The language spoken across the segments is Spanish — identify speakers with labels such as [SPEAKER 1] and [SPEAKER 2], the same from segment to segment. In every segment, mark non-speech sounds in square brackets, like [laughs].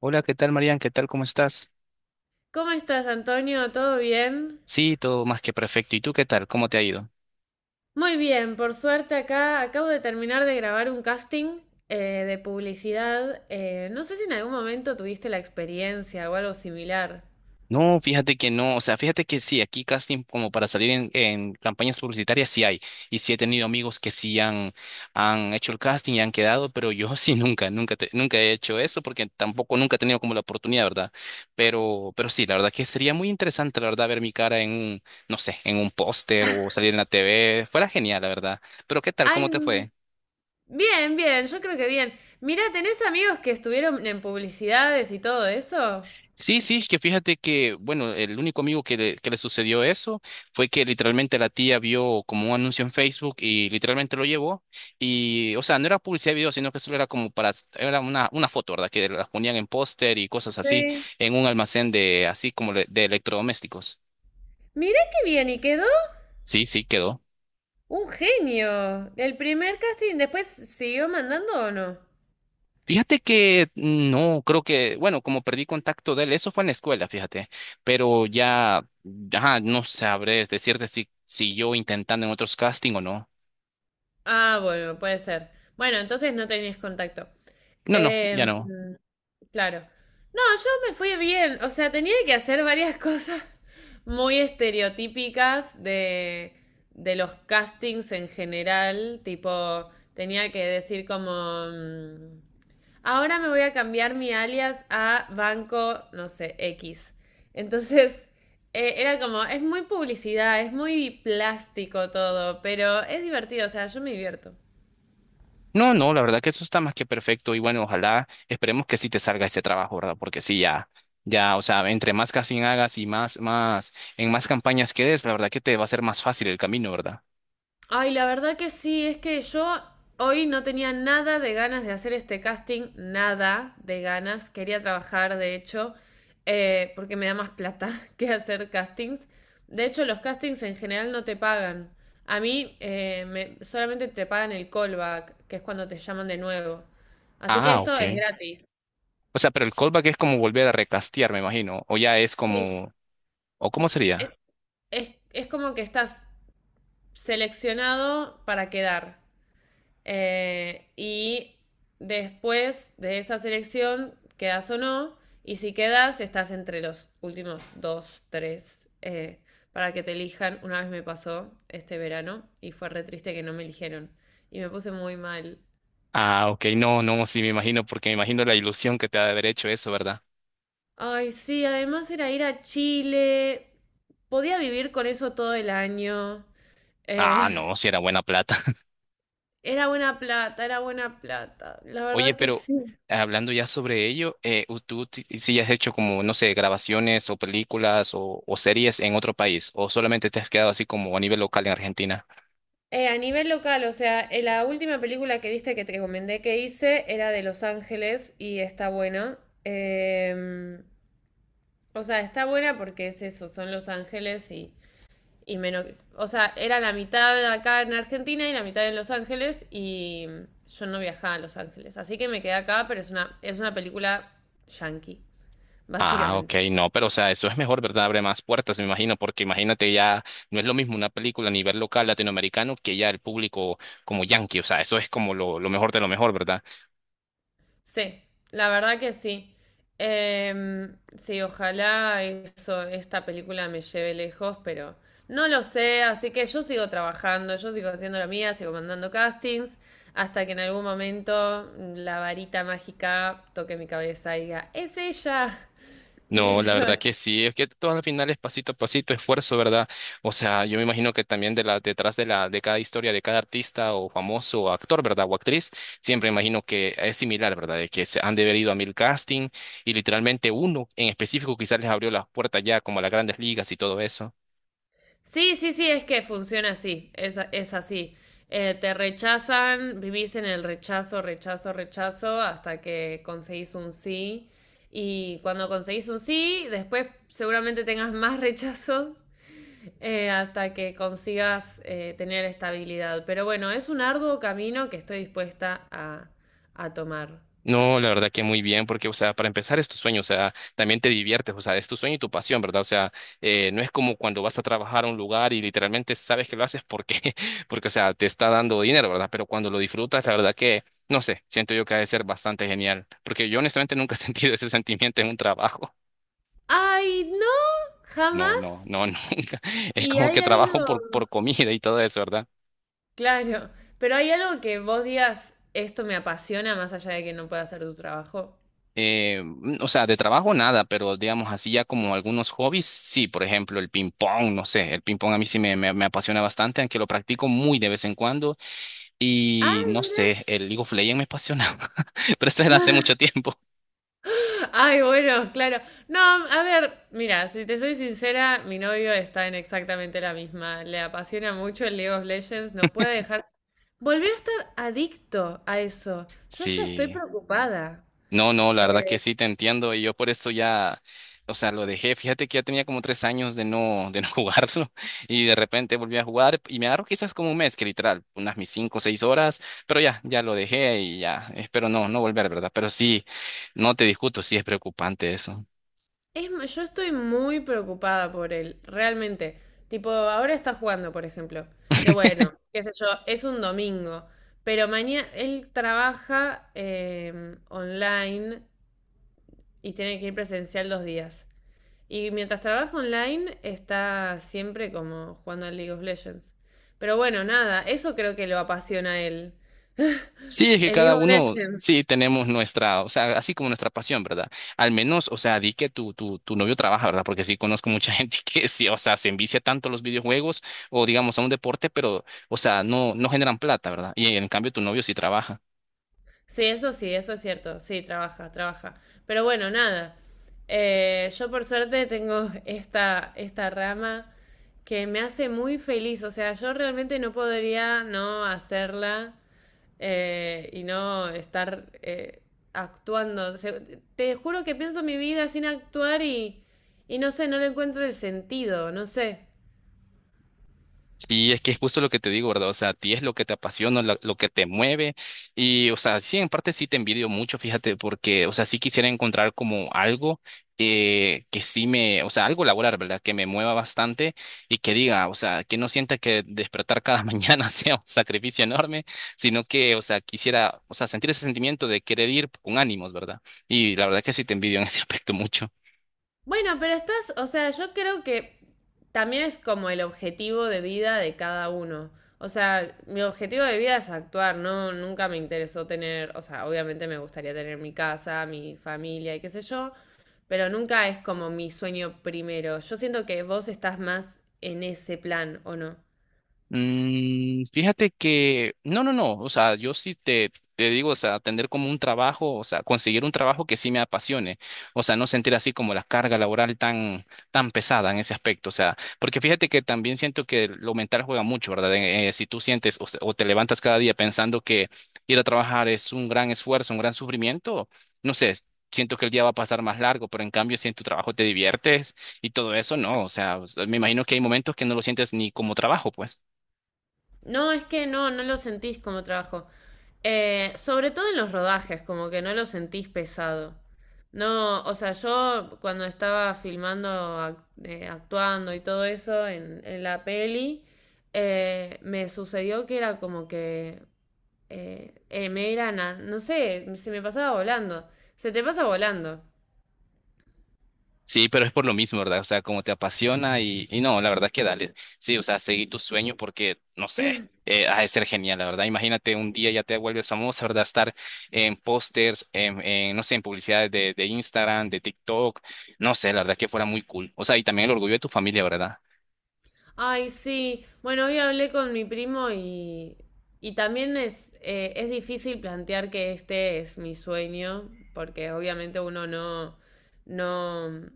[SPEAKER 1] Hola, ¿qué tal, Marian? ¿Qué tal? ¿Cómo estás?
[SPEAKER 2] ¿Cómo estás, Antonio? ¿Todo bien?
[SPEAKER 1] Sí, todo más que perfecto. ¿Y tú qué tal? ¿Cómo te ha ido?
[SPEAKER 2] Muy bien, por suerte acá acabo de terminar de grabar un casting eh, de publicidad. No sé si en algún momento tuviste la experiencia o algo similar.
[SPEAKER 1] No, fíjate que no, o sea, fíjate que sí, aquí casting como para salir en campañas publicitarias sí hay. Y sí he tenido amigos que sí han hecho el casting y han quedado, pero yo [laughs] sí nunca he hecho eso porque tampoco nunca he tenido como la oportunidad, ¿verdad? Pero sí, la verdad que sería muy interesante, la verdad, ver mi cara en no sé, en un póster o salir en la TV. Fuera genial, la verdad. Pero ¿qué tal?
[SPEAKER 2] Ay,
[SPEAKER 1] ¿Cómo te fue?
[SPEAKER 2] bien, bien, yo creo que bien. Mira, ¿tenés amigos que estuvieron en publicidades y todo eso?
[SPEAKER 1] Sí, sí, es que fíjate que, bueno, el único amigo que le sucedió eso fue que literalmente la tía vio como un anuncio en Facebook y literalmente lo llevó. Y, o sea, no era publicidad de video, sino que solo era como para, era una foto, ¿verdad? Que las ponían en póster y cosas así,
[SPEAKER 2] Sí.
[SPEAKER 1] en un almacén de, así como le- de electrodomésticos.
[SPEAKER 2] Mirá qué bien, ¿y quedó?
[SPEAKER 1] Sí, sí, quedó.
[SPEAKER 2] Un genio. El primer casting, ¿después siguió mandando o no?
[SPEAKER 1] Fíjate que no, creo que, bueno, como perdí contacto de él, eso fue en la escuela, fíjate, pero ya, ajá, no sabré decirte si siguió intentando en otros casting o no.
[SPEAKER 2] Ah, bueno, puede ser. Bueno, entonces no tenías contacto.
[SPEAKER 1] No, no, ya
[SPEAKER 2] Em,
[SPEAKER 1] no.
[SPEAKER 2] Claro. No, yo me fui bien. O sea, tenía que hacer varias [laughs] cosas muy estereotípicas de los castings en general. Tipo, tenía que decir como, ahora me voy a cambiar mi alias a Banco, no sé, X. Entonces, [laughs] era como, es muy publicidad, es muy plástico todo, pero es divertido, o sea, yo me divierto.
[SPEAKER 1] No, no, la verdad que eso está más que perfecto y bueno, ojalá esperemos que sí te salga ese trabajo, ¿verdad? Porque sí, ya, ya, o sea, entre más casting hagas y en más campañas quedes, la verdad que te va a ser más fácil el camino, ¿verdad?
[SPEAKER 2] Ay, la verdad que sí, es que yo hoy no tenía nada de ganas de hacer este casting, nada de ganas. Quería trabajar, de hecho, porque me da más plata [laughs] que hacer castings. De hecho, los castings en general no te pagan. A mí solamente te pagan el callback, que es cuando te llaman de nuevo. Así que
[SPEAKER 1] Ah,
[SPEAKER 2] esto
[SPEAKER 1] ok.
[SPEAKER 2] es gratis.
[SPEAKER 1] O sea, pero el callback es como volver a recastear, me imagino, o ya es
[SPEAKER 2] Sí.
[SPEAKER 1] como, o cómo
[SPEAKER 2] Es,
[SPEAKER 1] sería.
[SPEAKER 2] es como que estás seleccionado para quedar. Y después de esa selección, quedas o no, y si quedas, estás entre los últimos dos, tres, para que te elijan. Una vez me pasó este verano y fue re triste que no me eligieron. Y me puse muy mal.
[SPEAKER 1] Ah, ok, no, no, sí me imagino, porque me imagino la ilusión que te ha de haber hecho eso, ¿verdad?
[SPEAKER 2] Ay, sí, además era ir a Chile. Podía vivir con eso todo el año.
[SPEAKER 1] Ah,
[SPEAKER 2] Eh,
[SPEAKER 1] no, si era buena plata.
[SPEAKER 2] [laughs] era buena plata, era buena plata. La
[SPEAKER 1] Oye,
[SPEAKER 2] verdad que
[SPEAKER 1] pero
[SPEAKER 2] sí.
[SPEAKER 1] hablando ya sobre ello, ¿tú si has hecho como, no sé, grabaciones o películas o series en otro país? ¿O solamente te has quedado así como a nivel local en Argentina?
[SPEAKER 2] A nivel local, o sea, la última película que viste que te recomendé que hice era de Los Ángeles y está buena. Em, o sea, está buena porque es eso, son Los Ángeles y menos. O sea, era la mitad acá en Argentina y la mitad en Los Ángeles y yo no viajaba a Los Ángeles. Así que me quedé acá, pero es una película yankee,
[SPEAKER 1] Ah, ok,
[SPEAKER 2] básicamente.
[SPEAKER 1] no, pero o sea, eso es mejor, ¿verdad? Abre más puertas, me imagino, porque imagínate ya, no es lo mismo una película a nivel local latinoamericano que ya el público como yankee, o sea, eso es como lo mejor de lo mejor, ¿verdad?
[SPEAKER 2] Sí, la verdad que sí. Sí, ojalá eso, esta película me lleve lejos, pero no lo sé, así que yo sigo trabajando, yo sigo haciendo la mía, sigo mandando castings, hasta que en algún momento la varita mágica toque mi cabeza y diga, es ella. [laughs]
[SPEAKER 1] No,
[SPEAKER 2] Y
[SPEAKER 1] la
[SPEAKER 2] yo
[SPEAKER 1] verdad que sí, es que todo al final es pasito a pasito, esfuerzo, ¿verdad? O sea, yo me imagino que también de la, detrás de la, de cada historia de cada artista o famoso o actor, ¿verdad? O actriz, siempre imagino que es similar, ¿verdad? De que se han de haber ido a 1000 casting y literalmente uno en específico quizás les abrió las puertas ya como a las grandes ligas y todo eso.
[SPEAKER 2] Sí, sí, sí, es que funciona así, es así. Te rechazan, vivís en el rechazo, rechazo, rechazo, hasta que conseguís un sí. Y cuando conseguís un sí, después seguramente tengas más rechazos hasta que consigas tener estabilidad. Pero bueno, es un arduo camino que estoy dispuesta a tomar.
[SPEAKER 1] No, la verdad que muy bien, porque, o sea, para empezar es tu sueño, o sea, también te diviertes, o sea, es tu sueño y tu pasión, ¿verdad? O sea, no es como cuando vas a trabajar a un lugar y literalmente sabes que lo haces porque, [laughs] porque, o sea, te está dando dinero, ¿verdad? Pero cuando lo disfrutas, la verdad que, no sé, siento yo que ha de ser bastante genial, porque yo honestamente nunca he [laughs] sentido ese sentimiento en un trabajo.
[SPEAKER 2] ¡Ay, no!
[SPEAKER 1] No, no,
[SPEAKER 2] ¡Jamás!
[SPEAKER 1] no, [laughs] nunca. Es
[SPEAKER 2] Y
[SPEAKER 1] como
[SPEAKER 2] hay
[SPEAKER 1] que trabajo
[SPEAKER 2] algo.
[SPEAKER 1] por comida y todo eso, ¿verdad?
[SPEAKER 2] Claro, pero hay algo que vos digas, esto me apasiona más allá de que no pueda hacer tu trabajo.
[SPEAKER 1] O sea, de trabajo nada, pero digamos así ya como algunos hobbies, sí, por ejemplo, el ping pong, no sé, el ping pong a mí sí me apasiona bastante, aunque lo practico muy de vez en cuando y no
[SPEAKER 2] Ay,
[SPEAKER 1] sé, el League of Legends me apasiona, [laughs] pero eso es de hace mucho
[SPEAKER 2] mira. [gasps]
[SPEAKER 1] tiempo.
[SPEAKER 2] [laughs] Ay, bueno, claro. No, a ver, mira, si te soy sincera, mi novio está en exactamente la misma. Le apasiona mucho el League of Legends, no puede dejar. Volvió a estar adicto a eso. Yo ya estoy
[SPEAKER 1] Sí.
[SPEAKER 2] preocupada.
[SPEAKER 1] No, no, la verdad que sí te entiendo y yo por eso ya, o sea, lo dejé. Fíjate que ya tenía como 3 años de no [laughs] jugarlo y de repente volví a jugar y me agarró quizás como un mes, que literal, unas mis 5 o 6 horas, pero ya, ya lo dejé y ya, espero no, no volver, ¿verdad? Pero sí, no te discuto, sí es preocupante eso.
[SPEAKER 2] Yo estoy muy preocupada por él, realmente. Tipo, ahora está jugando, por ejemplo. Que bueno, qué sé yo, es un domingo. Pero mañana él trabaja online y tiene que ir presencial 2 días. Y mientras trabaja online, está siempre como jugando al League of Legends. Pero bueno, nada, eso creo que lo apasiona a él.
[SPEAKER 1] Sí, es
[SPEAKER 2] [laughs]
[SPEAKER 1] que
[SPEAKER 2] El League
[SPEAKER 1] cada
[SPEAKER 2] of
[SPEAKER 1] uno,
[SPEAKER 2] Legends.
[SPEAKER 1] sí, tenemos nuestra, o sea, así como nuestra pasión, ¿verdad? Al menos, o sea, di que tu novio trabaja, ¿verdad? Porque sí conozco mucha [laughs] gente que sí, o sea, se envicia tanto a los videojuegos o digamos a un deporte, pero, o sea, no, no generan plata, ¿verdad? Y en cambio tu novio sí trabaja.
[SPEAKER 2] Sí, eso es cierto. Sí, trabaja, trabaja. Pero bueno, nada. Yo por suerte tengo esta, rama que me hace muy feliz. O sea, yo realmente no podría no hacerla y no estar actuando. O sea, te juro que pienso mi vida sin actuar y no sé, no le encuentro el sentido, no sé.
[SPEAKER 1] Sí, es que es justo lo que te digo, ¿verdad? O sea, a ti es lo que te apasiona, que te mueve. Y, o sea, sí, en parte sí te envidio mucho, fíjate, porque, o sea, sí quisiera encontrar como algo que sí me, o sea, algo laboral, ¿verdad? Que me mueva bastante y que diga, o sea, que no sienta que despertar cada [laughs] mañana sea un sacrificio enorme, sino que, o sea, quisiera, o sea, sentir ese sentimiento de querer ir con ánimos, ¿verdad? Y la verdad que sí te envidio en ese aspecto mucho.
[SPEAKER 2] Bueno, pero estás, o sea, yo creo que también es como el objetivo de vida de cada uno. O sea, mi objetivo de vida es actuar, no, nunca me interesó tener, o sea, obviamente me gustaría tener mi casa, mi familia y qué sé yo, pero nunca es como mi sueño primero. Yo siento que vos estás más en ese plan, ¿o no?
[SPEAKER 1] Mm, fíjate que, no, no, no, o sea, yo sí te digo, o sea, tener como un trabajo, o sea, conseguir un trabajo que sí me apasione, o sea, no sentir así como la carga laboral tan, tan pesada en ese aspecto, o sea, porque fíjate que también siento que lo mental juega mucho, ¿verdad? Si tú sientes o te levantas cada día pensando que ir a trabajar es un gran esfuerzo, un gran sufrimiento, no sé. Siento que el día va a pasar más largo, pero en cambio, si en tu trabajo te diviertes y todo eso, no, o sea, me imagino que hay momentos que no lo sientes ni como trabajo, pues.
[SPEAKER 2] No, es que no, no lo sentís como trabajo. Sobre todo en los rodajes, como que no lo sentís pesado. No, o sea, yo cuando estaba filmando, actuando y todo eso en la peli, me sucedió que era como que no sé, se me pasaba volando. Se te pasa volando.
[SPEAKER 1] Sí, pero es por lo mismo, ¿verdad? O sea, como te apasiona y no, la verdad que dale. Sí, o sea, seguí tu sueño porque, no sé, ha de ser genial, la verdad. Imagínate un día ya te vuelves famosa, ¿verdad? Estar en pósters, no sé, en publicidades de Instagram, de TikTok, no sé, la verdad que fuera muy cool. O sea, y también el orgullo de tu familia, ¿verdad?
[SPEAKER 2] Ay, sí. Bueno, hoy hablé con mi primo y también es difícil plantear que este es mi sueño, porque obviamente uno no,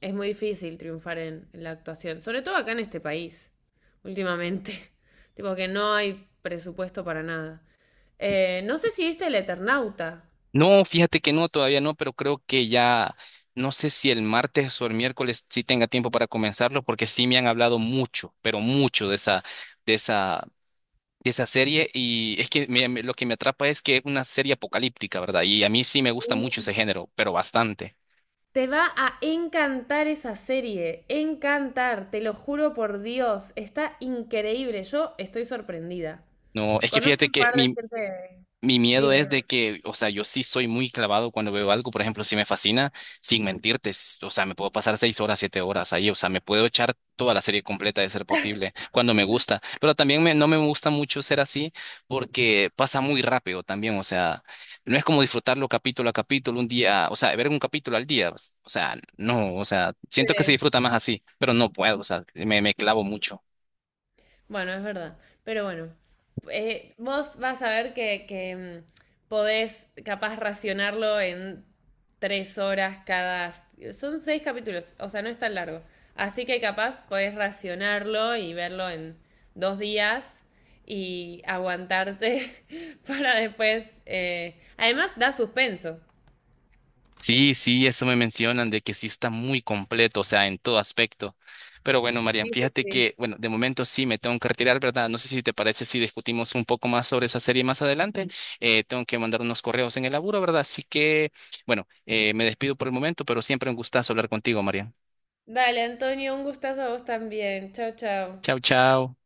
[SPEAKER 2] es muy difícil triunfar en la actuación, sobre todo acá en este país, últimamente. [laughs] Tipo que no hay presupuesto para nada. No sé si viste El Eternauta.
[SPEAKER 1] No, fíjate que no, todavía no, pero creo que ya, no sé si el martes o el miércoles sí tenga tiempo para comenzarlo porque sí me han hablado mucho, pero mucho de esa de esa serie y es que lo que me atrapa es que es una serie apocalíptica, ¿verdad? Y a mí sí me gusta mucho ese género, pero bastante.
[SPEAKER 2] Te va a encantar esa serie, encantar, te lo juro por Dios, está increíble, yo estoy sorprendida.
[SPEAKER 1] No, es que
[SPEAKER 2] Conozco
[SPEAKER 1] fíjate
[SPEAKER 2] un
[SPEAKER 1] que
[SPEAKER 2] par de
[SPEAKER 1] mi,
[SPEAKER 2] gente.
[SPEAKER 1] Mi miedo
[SPEAKER 2] Dime,
[SPEAKER 1] es de que, o sea, yo sí soy muy clavado cuando veo algo, por ejemplo, si me fascina, sin mentirte, o sea, me puedo pasar 6 horas, 7 horas ahí, o sea, me puedo echar toda la serie completa de ser posible cuando me gusta, pero también me, no me gusta mucho ser así porque pasa muy rápido también, o sea, no es como disfrutarlo capítulo a capítulo, un día, o sea, ver un capítulo al día, o sea, no, o sea, siento que se
[SPEAKER 2] dime.
[SPEAKER 1] disfruta más así, pero no puedo, o sea, me clavo mucho.
[SPEAKER 2] Bueno, es verdad. Pero bueno, vos vas a ver que podés capaz racionarlo en 3 horas cada. Son 6 capítulos, o sea, no es tan largo. Así que capaz podés racionarlo y verlo en 2 días y aguantarte [laughs] para después. Además, da suspenso.
[SPEAKER 1] Sí, sí, eso me mencionan de que sí está muy completo, o sea, en todo aspecto. Pero bueno, Marian,
[SPEAKER 2] Sí, sí,
[SPEAKER 1] fíjate
[SPEAKER 2] sí.
[SPEAKER 1] que, bueno, de momento sí me tengo que retirar, ¿verdad? No sé si te parece si discutimos un poco más sobre esa serie más adelante. Tengo que mandar unos correos en el laburo, ¿verdad? Así que, bueno, me despido por el momento, pero siempre un gustazo hablar contigo, Marian.
[SPEAKER 2] Dale, Antonio, un gustazo a vos también. Chao, chao.
[SPEAKER 1] Chao, chao.